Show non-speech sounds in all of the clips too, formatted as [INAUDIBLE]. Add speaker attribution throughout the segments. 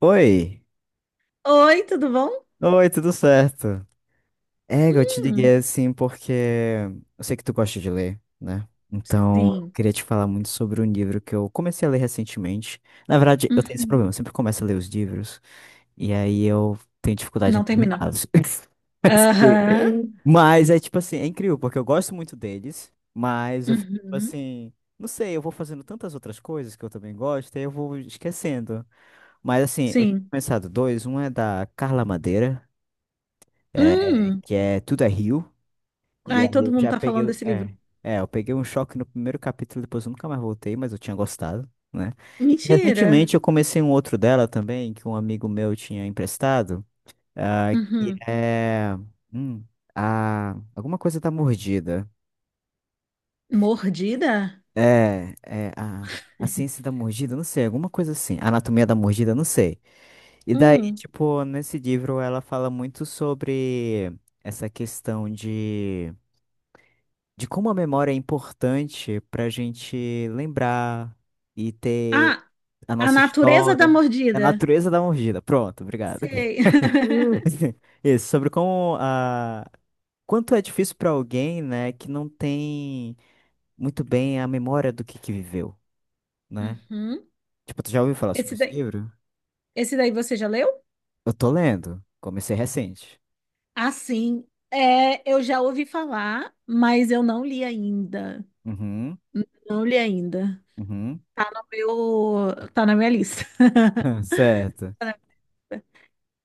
Speaker 1: Oi,
Speaker 2: Oi, tudo bom?
Speaker 1: oi, tudo certo? Eu te
Speaker 2: Hum,
Speaker 1: liguei assim porque eu sei que tu gosta de ler, né? Então, eu
Speaker 2: sim.
Speaker 1: queria te falar muito sobre um livro que eu comecei a ler recentemente. Na verdade, eu tenho esse
Speaker 2: Uhum.
Speaker 1: problema, eu sempre começo a ler os livros e aí eu tenho dificuldade em
Speaker 2: Não termina.
Speaker 1: terminá-los. [LAUGHS]
Speaker 2: Aham.
Speaker 1: Sim. Mas é tipo assim, é incrível porque eu gosto muito deles, mas eu fico tipo
Speaker 2: Uhum.
Speaker 1: assim, não sei, eu vou fazendo tantas outras coisas que eu também gosto e aí eu vou esquecendo. Mas assim, eu tinha
Speaker 2: Sim.
Speaker 1: pensado dois, um é da Carla Madeira.
Speaker 2: Hum.
Speaker 1: Que é Tudo é Rio. E
Speaker 2: Ai,
Speaker 1: aí
Speaker 2: todo
Speaker 1: eu
Speaker 2: mundo
Speaker 1: já
Speaker 2: tá
Speaker 1: peguei.
Speaker 2: falando desse livro.
Speaker 1: É, eu peguei um choque no primeiro capítulo, depois eu nunca mais voltei, mas eu tinha gostado, né? E
Speaker 2: Mentira.
Speaker 1: recentemente eu comecei um outro dela também, que um amigo meu tinha emprestado, ah, que
Speaker 2: Uhum.
Speaker 1: é. hum, a, Alguma coisa da mordida.
Speaker 2: Mordida?
Speaker 1: É, a ciência da mordida, não sei, alguma coisa assim. A anatomia da mordida, não sei. E daí,
Speaker 2: Hum.
Speaker 1: tipo, nesse livro ela fala muito sobre essa questão de como a memória é importante para a gente lembrar e ter
Speaker 2: Ah,
Speaker 1: a
Speaker 2: a
Speaker 1: nossa
Speaker 2: natureza da
Speaker 1: história. A
Speaker 2: mordida.
Speaker 1: natureza da mordida. Pronto, obrigado.
Speaker 2: Sei.
Speaker 1: [LAUGHS] Hum.
Speaker 2: [LAUGHS]
Speaker 1: [LAUGHS] Isso, sobre como a. Quanto é difícil para alguém, né, que não tem muito bem a memória do que viveu, né?
Speaker 2: Uhum.
Speaker 1: Tipo, tu já ouviu falar sobre
Speaker 2: Esse
Speaker 1: esse
Speaker 2: daí,
Speaker 1: livro?
Speaker 2: esse daí você já leu?
Speaker 1: Eu tô lendo. Comecei recente.
Speaker 2: Ah, sim. É, eu já ouvi falar, mas eu não li ainda.
Speaker 1: Uhum,
Speaker 2: Não li ainda.
Speaker 1: uhum.
Speaker 2: Tá no meu, Tá na minha lista.
Speaker 1: [LAUGHS] Certo.
Speaker 2: [LAUGHS]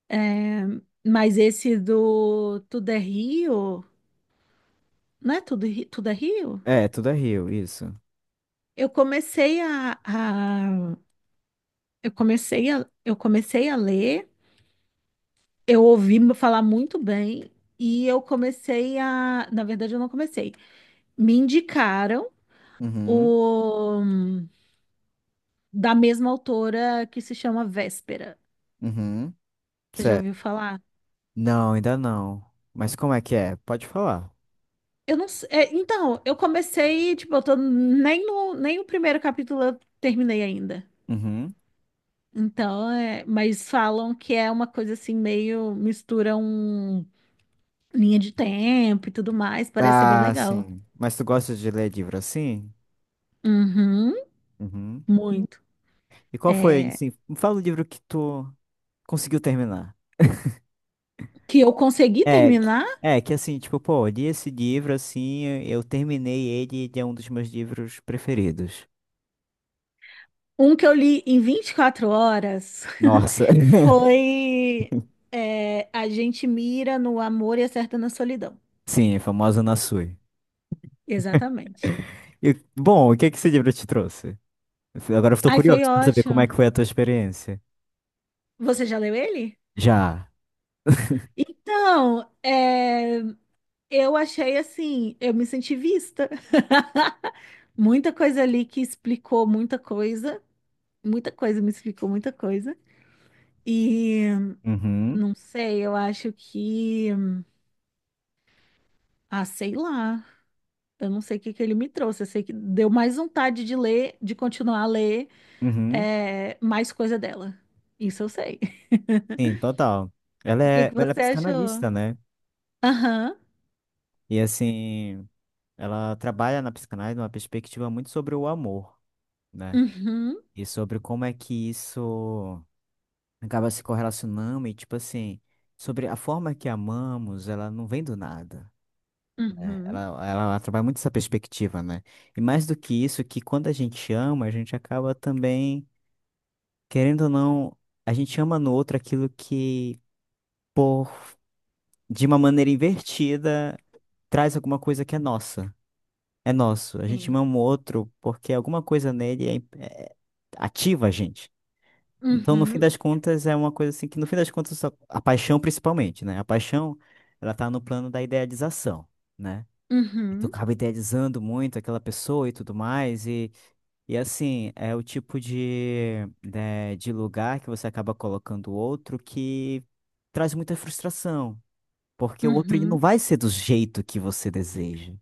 Speaker 2: É, mas esse do Tudo é Rio, não é Tudo é Rio?
Speaker 1: É, tudo é Rio, isso.
Speaker 2: Eu comecei a, a- eu comecei a ler, eu ouvi falar muito bem e na verdade eu não comecei. Me indicaram
Speaker 1: Uhum,
Speaker 2: o da mesma autora que se chama Véspera.
Speaker 1: uhum.
Speaker 2: Você já ouviu falar?
Speaker 1: Não, ainda não. Mas como é que é? Pode falar.
Speaker 2: Eu não sei. É, então, eu comecei, tipo, eu tô nem o primeiro capítulo eu terminei ainda.
Speaker 1: Uhum.
Speaker 2: Então, é, mas falam que é uma coisa assim, meio mistura um linha de tempo e tudo mais, parece ser bem
Speaker 1: Ah,
Speaker 2: legal.
Speaker 1: sim. Mas tu gosta de ler livro assim?
Speaker 2: Uhum,
Speaker 1: Uhum.
Speaker 2: muito.
Speaker 1: E qual foi,
Speaker 2: É,
Speaker 1: assim, me fala o livro que tu conseguiu terminar.
Speaker 2: que eu consegui
Speaker 1: É, que-
Speaker 2: terminar,
Speaker 1: É que assim, tipo, pô, eu li esse livro assim, eu terminei ele, ele é um dos meus livros preferidos.
Speaker 2: um que eu li em 24 horas
Speaker 1: Nossa.
Speaker 2: [LAUGHS]
Speaker 1: [LAUGHS]
Speaker 2: foi A gente mira no amor e acerta na solidão.
Speaker 1: Sim, a famosa Nassui.
Speaker 2: Exatamente.
Speaker 1: E, bom, o que é que esse livro te trouxe? Agora eu tô
Speaker 2: Ai,
Speaker 1: curioso
Speaker 2: foi
Speaker 1: pra saber como é
Speaker 2: ótimo.
Speaker 1: que foi a tua experiência.
Speaker 2: Você já leu ele?
Speaker 1: Já.
Speaker 2: Então, é, eu achei assim, eu me senti vista. [LAUGHS] Muita coisa ali que explicou muita coisa me explicou muita coisa. E
Speaker 1: Uhum.
Speaker 2: não sei, eu acho que, ah, sei lá, eu não sei o que que ele me trouxe. Eu sei que deu mais vontade de ler, de continuar a ler,
Speaker 1: Uhum.
Speaker 2: mais coisa dela. Isso eu sei. [LAUGHS]
Speaker 1: Sim, total.
Speaker 2: O que que
Speaker 1: Ela é
Speaker 2: você achou?
Speaker 1: psicanalista, né?
Speaker 2: Aham,
Speaker 1: E assim, ela trabalha na psicanálise numa perspectiva muito sobre o amor, né?
Speaker 2: uhum,
Speaker 1: E sobre como é que isso acaba se correlacionando e, tipo assim, sobre a forma que amamos, ela não vem do nada. Né?
Speaker 2: uhum,
Speaker 1: Ela trabalha muito essa perspectiva, né? E mais do que isso, que quando a gente ama, a gente acaba também, querendo ou não, a gente ama no outro aquilo que, por, de uma maneira invertida. Traz alguma coisa que é nossa, é nosso. A gente
Speaker 2: sim,
Speaker 1: ama o outro porque alguma coisa nele ativa a gente. Então, no fim
Speaker 2: uhum,
Speaker 1: das contas, é uma coisa assim que, no fim das contas, a paixão principalmente, né? A paixão, ela tá no plano da idealização, né? E tu
Speaker 2: uhum,
Speaker 1: acaba idealizando muito aquela pessoa e tudo mais, e assim, é o tipo de, né, de lugar que você acaba colocando o outro que traz muita frustração. Porque o outro ele não
Speaker 2: uhum.
Speaker 1: vai ser do jeito que você deseja.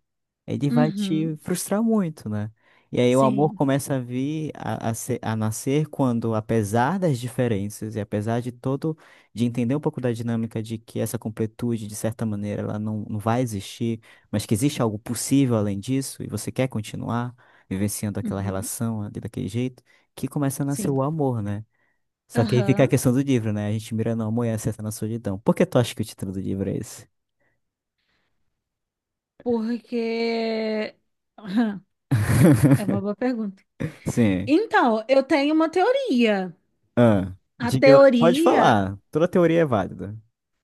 Speaker 1: Ele vai
Speaker 2: Uhum,
Speaker 1: te frustrar muito, né? E aí o amor
Speaker 2: sim,
Speaker 1: começa a vir a, ser- a nascer quando, apesar das diferenças e apesar de todo, de entender um pouco da dinâmica de que essa completude, de certa maneira, ela não, não vai existir, mas que existe algo possível além disso, e você quer continuar vivenciando aquela
Speaker 2: uhum,
Speaker 1: relação ali daquele jeito, que começa a nascer
Speaker 2: sim,
Speaker 1: o amor, né? Só que aí fica a
Speaker 2: aham,
Speaker 1: questão do livro, né? A gente mira no amor e acerta na solidão. Por que tu acha que o título do livro é esse?
Speaker 2: porque aham, é uma
Speaker 1: [LAUGHS]
Speaker 2: boa pergunta.
Speaker 1: Sim.
Speaker 2: Então, eu tenho uma teoria.
Speaker 1: Ah,
Speaker 2: A
Speaker 1: diga lá. Pode
Speaker 2: teoria,
Speaker 1: falar. Toda teoria é válida.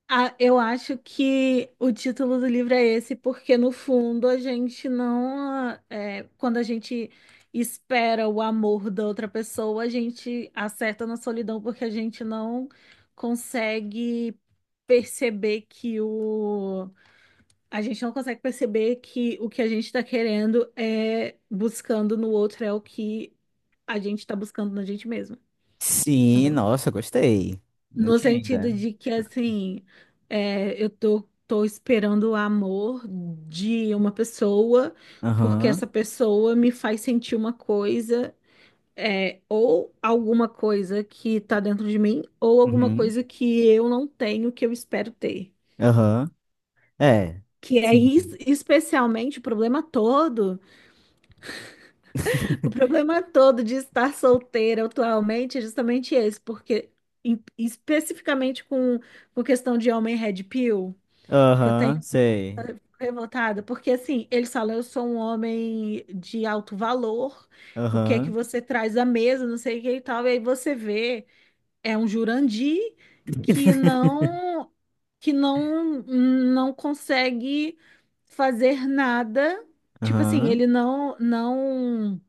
Speaker 2: eu acho que o título do livro é esse, porque no fundo a gente não, é, quando a gente espera o amor da outra pessoa, a gente acerta na solidão porque a gente não consegue perceber que o A gente não consegue perceber que o que a gente está querendo é buscando no outro é o que a gente está buscando na gente mesma,
Speaker 1: Sim,
Speaker 2: entendeu?
Speaker 1: nossa, gostei. Não
Speaker 2: No
Speaker 1: tinha
Speaker 2: sentido
Speaker 1: ainda.
Speaker 2: de que, assim, é, eu tô, esperando o amor de uma pessoa, porque
Speaker 1: Aham.
Speaker 2: essa pessoa me faz sentir uma coisa, ou alguma coisa que tá dentro de mim, ou alguma
Speaker 1: Uhum.
Speaker 2: coisa que eu não tenho, que eu espero ter.
Speaker 1: Aham. É.
Speaker 2: Que é
Speaker 1: Sim.
Speaker 2: especialmente o problema todo. O
Speaker 1: [LAUGHS]
Speaker 2: problema todo de estar solteira atualmente é justamente esse, porque especificamente com questão de homem red pill, que eu tenho
Speaker 1: Aham, sei.
Speaker 2: revoltada, porque assim, eles falam, eu sou um homem de alto valor, o que é que
Speaker 1: Aham.
Speaker 2: você traz à mesa, não sei o que e tal, e aí você vê, é um Jurandir que não que não consegue fazer nada, tipo assim,
Speaker 1: Aham.
Speaker 2: ele não não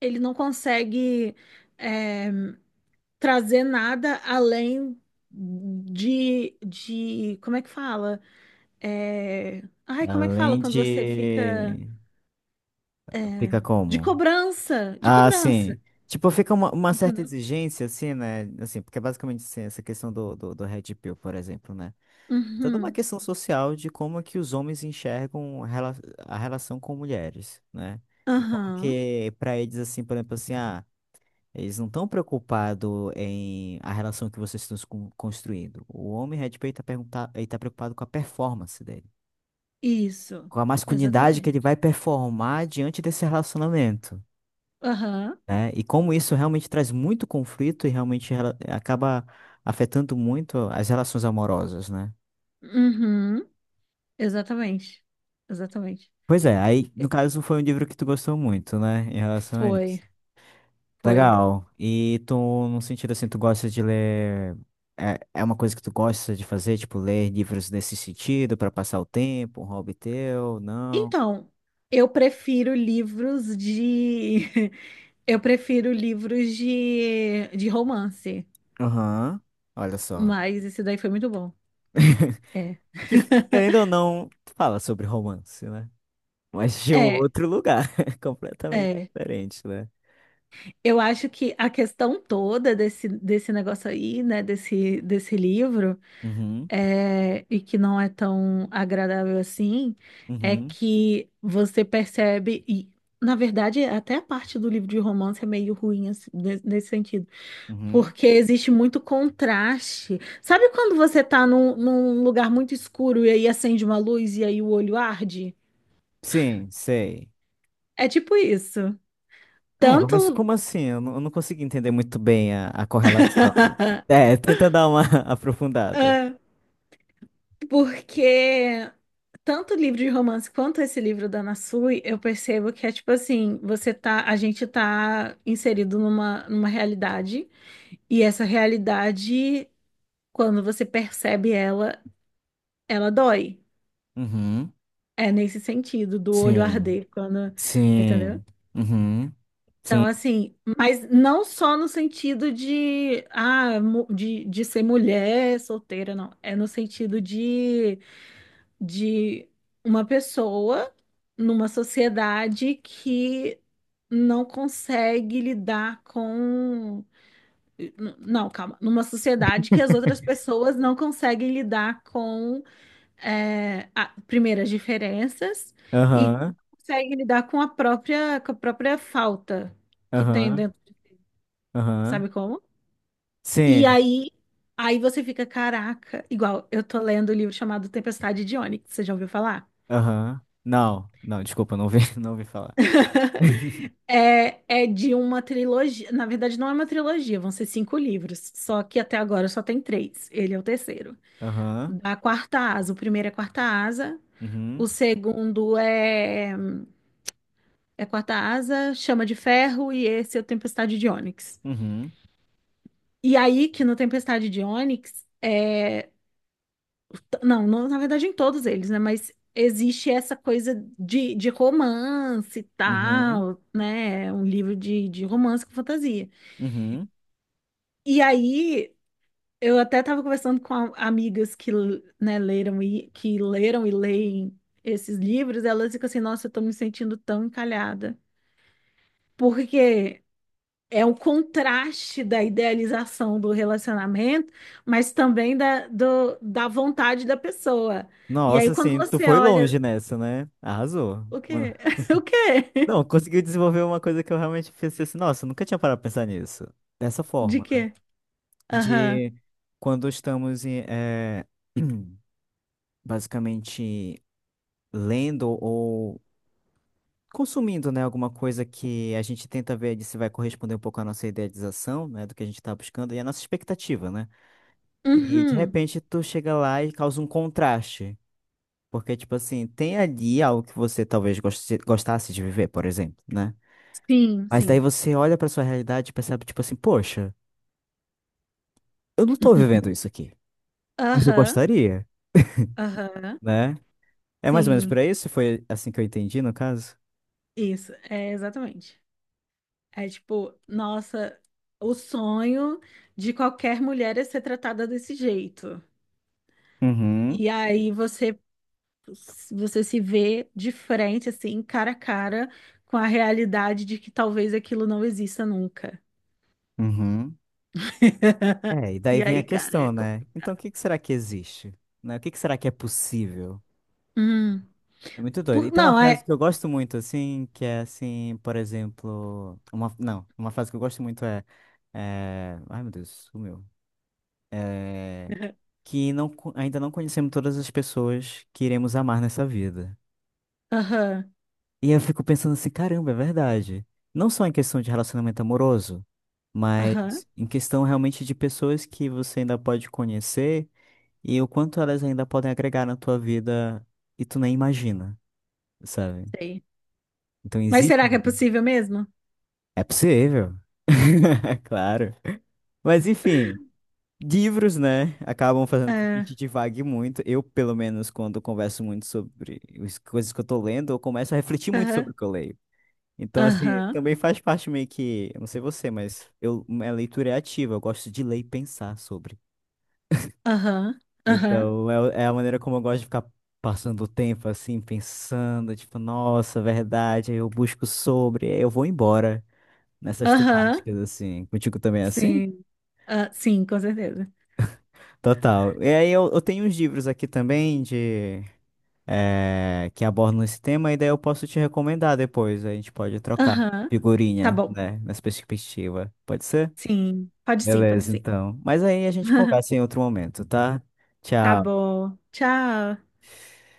Speaker 2: ele não consegue é, trazer nada além de. Como é que fala? É, ai, como é que fala
Speaker 1: Além
Speaker 2: quando você fica.
Speaker 1: de.
Speaker 2: eh,
Speaker 1: Fica como?
Speaker 2: De
Speaker 1: Ah,
Speaker 2: cobrança,
Speaker 1: sim. Tipo, fica uma certa
Speaker 2: entendeu?
Speaker 1: exigência, assim, né? Assim, porque basicamente, assim, essa questão do Red Pill, por exemplo, né? Toda uma
Speaker 2: Uhum,
Speaker 1: questão social de como é que os homens enxergam a a relação com mulheres, né? E como
Speaker 2: aham,
Speaker 1: que para eles assim, por exemplo, assim, ah, eles não estão preocupados em a relação que vocês estão construindo. O homem Red Pill está perguntar, ele tá preocupado com a performance dele,
Speaker 2: isso,
Speaker 1: com a masculinidade que ele
Speaker 2: exatamente.
Speaker 1: vai performar diante desse relacionamento.
Speaker 2: Aham,
Speaker 1: Né? E como isso realmente traz muito conflito e realmente acaba afetando muito as relações amorosas, né?
Speaker 2: uhum, exatamente, exatamente.
Speaker 1: Pois é, aí no
Speaker 2: E-
Speaker 1: caso foi um livro que tu gostou muito, né, em relação a isso.
Speaker 2: Foi, foi.
Speaker 1: Legal. E tu, num sentido assim, tu gosta de ler. É, é uma coisa que tu gosta de fazer, tipo, ler livros nesse sentido, pra passar o tempo, um hobby teu? Não.
Speaker 2: Então, eu prefiro livros de [LAUGHS] Eu prefiro livros de romance,
Speaker 1: Aham. Olha só.
Speaker 2: mas esse daí foi muito bom.
Speaker 1: [LAUGHS]
Speaker 2: É.
Speaker 1: Que querendo ou
Speaker 2: [LAUGHS]
Speaker 1: não, fala sobre romance, né? Mas de um
Speaker 2: É,
Speaker 1: outro lugar, [LAUGHS] completamente
Speaker 2: é.
Speaker 1: diferente, né?
Speaker 2: Eu acho que a questão toda desse negócio aí, né, desse livro,
Speaker 1: Uhum,
Speaker 2: e que não é tão agradável assim, é
Speaker 1: uhum,
Speaker 2: que você percebe, e na verdade, até a parte do livro de romance é meio ruim assim, nesse sentido.
Speaker 1: uhum.
Speaker 2: Porque existe muito contraste. Sabe quando você tá num lugar muito escuro e aí acende uma luz e aí o olho arde?
Speaker 1: Sim, sei.
Speaker 2: É tipo isso.
Speaker 1: É, mas
Speaker 2: Tanto.
Speaker 1: como assim? Eu não consigo entender muito bem a correlação.
Speaker 2: [LAUGHS]
Speaker 1: É, tenta dar uma [LAUGHS] aprofundada.
Speaker 2: Ah, porque tanto o livro de romance quanto esse livro da Ana Sui, eu percebo que é tipo assim, você tá, a gente tá inserido numa realidade, e essa realidade, quando você percebe ela, ela dói.
Speaker 1: Uhum.
Speaker 2: É nesse sentido, do olho
Speaker 1: Sim.
Speaker 2: arder, quando, entendeu?
Speaker 1: Sim. Uhum.
Speaker 2: Então,
Speaker 1: Sim.
Speaker 2: assim, mas não só no sentido de, ah, de ser mulher solteira, não. É no sentido de uma pessoa numa sociedade que não consegue lidar com. Não, calma. Numa sociedade que as outras pessoas não conseguem lidar com, é, a, primeiro, as diferenças e
Speaker 1: Aham.
Speaker 2: conseguem lidar com a própria falta que tem
Speaker 1: Aham.
Speaker 2: dentro.
Speaker 1: Aham.
Speaker 2: Sabe como? E
Speaker 1: Sim.
Speaker 2: aí, aí você fica, caraca, igual eu tô lendo o livro chamado Tempestade de Ônix, você já ouviu falar?
Speaker 1: Aham. Não. Não, desculpa, não ouvi, [LAUGHS] não ouvi falar. [LAUGHS]
Speaker 2: [LAUGHS] É de uma trilogia, na verdade não é uma trilogia, vão ser cinco livros, só que até agora só tem três, ele é o terceiro.
Speaker 1: Aham.
Speaker 2: Da Quarta Asa, o primeiro é Quarta Asa,
Speaker 1: Uhum.
Speaker 2: o segundo é Quarta Asa, Chama de Ferro e esse é o Tempestade de Ônix.
Speaker 1: Uhum.
Speaker 2: E aí que no Tempestade de Ônix. Não, na verdade, em todos eles, né? Mas existe essa coisa de romance e
Speaker 1: Uhum.
Speaker 2: tal, né? Um livro de romance com fantasia.
Speaker 1: Uhum.
Speaker 2: E aí, eu até estava conversando com amigas que, né, leram e, que leram e leem esses livros, elas ficam assim, nossa, eu tô me sentindo tão encalhada. Porque é o contraste da idealização do relacionamento, mas também da vontade da pessoa. E aí,
Speaker 1: Nossa,
Speaker 2: quando
Speaker 1: assim, tu
Speaker 2: você
Speaker 1: foi
Speaker 2: olha.
Speaker 1: longe nessa, né? Arrasou.
Speaker 2: O quê? [LAUGHS] O quê?
Speaker 1: Não, conseguiu desenvolver uma coisa que eu realmente pensei assim, nossa, eu nunca tinha parado pra pensar nisso. Dessa
Speaker 2: De
Speaker 1: forma, né?
Speaker 2: quê? Aham.
Speaker 1: De quando estamos em, [CLEARS THROAT] basicamente lendo ou consumindo, né, alguma coisa que a gente tenta ver de se vai corresponder um pouco à nossa idealização, né, do que a gente está buscando e à nossa expectativa, né? E de
Speaker 2: Uhum.
Speaker 1: repente tu chega lá e causa um contraste. Porque, tipo assim, tem ali algo que você talvez gostasse de viver, por exemplo, né?
Speaker 2: Sim,
Speaker 1: Mas
Speaker 2: sim.
Speaker 1: daí você olha pra sua realidade e percebe, tipo assim, poxa, eu não tô vivendo isso aqui. Mas eu
Speaker 2: Aham.
Speaker 1: gostaria,
Speaker 2: Aham.
Speaker 1: né? É mais ou menos por
Speaker 2: Sim.
Speaker 1: aí? Se foi assim que eu entendi, no caso?
Speaker 2: Isso. É exatamente. É tipo, nossa, o sonho de qualquer mulher é ser tratada desse jeito.
Speaker 1: Uhum,
Speaker 2: E aí você se vê de frente assim, cara a cara com a realidade de que talvez aquilo não exista nunca.
Speaker 1: uhum.
Speaker 2: [LAUGHS]
Speaker 1: É, e daí
Speaker 2: E
Speaker 1: vem a
Speaker 2: aí,
Speaker 1: questão,
Speaker 2: careca.
Speaker 1: né? Então, o que que será que existe? Né? O que que será que é possível?
Speaker 2: Hum.
Speaker 1: É muito doido. E tem uma
Speaker 2: Não,
Speaker 1: frase
Speaker 2: é.
Speaker 1: que eu gosto muito, assim, que é assim, por exemplo. Uma, não, uma frase que eu gosto muito é. Ai, meu Deus, sumiu. É... Que não, co- ainda não conhecemos todas as pessoas que iremos amar nessa vida.
Speaker 2: Aham.
Speaker 1: E eu fico pensando assim, caramba, é verdade. Não só em questão de relacionamento amoroso, mas
Speaker 2: Aham.
Speaker 1: em questão realmente de pessoas que você ainda pode conhecer e o quanto elas ainda podem agregar na tua vida e tu nem imagina, sabe?
Speaker 2: Sei.
Speaker 1: Então
Speaker 2: Mas
Speaker 1: existe.
Speaker 2: será que é possível mesmo?
Speaker 1: É possível. [LAUGHS] Claro. Mas enfim, livros, né, acabam fazendo com que a
Speaker 2: É,
Speaker 1: gente divague muito. Eu, pelo menos, quando converso muito sobre as coisas que eu tô lendo, eu começo a refletir muito
Speaker 2: aham,
Speaker 1: sobre o que eu leio. Então, assim,
Speaker 2: aham,
Speaker 1: também faz parte meio que, eu não sei você, mas eu, minha leitura é ativa, eu gosto de ler e pensar sobre.
Speaker 2: aham, aham,
Speaker 1: Então, é, é a maneira como eu gosto de ficar passando o tempo, assim, pensando, tipo, nossa, verdade, aí eu busco sobre, aí eu vou embora nessas
Speaker 2: aham,
Speaker 1: temáticas, assim. Contigo também é assim?
Speaker 2: sim, ah, sim, com certeza.
Speaker 1: Total. E aí eu tenho uns livros aqui também de, que abordam esse tema, e daí eu posso te recomendar depois, a gente pode trocar
Speaker 2: Aham, tá
Speaker 1: figurinha,
Speaker 2: bom,
Speaker 1: né, nessa perspectiva. Pode ser?
Speaker 2: sim, pode sim, pode
Speaker 1: Beleza,
Speaker 2: sim.
Speaker 1: então. Mas aí a gente
Speaker 2: [LAUGHS]
Speaker 1: conversa em outro momento, tá?
Speaker 2: Tá
Speaker 1: Tchau.
Speaker 2: bom, tchau.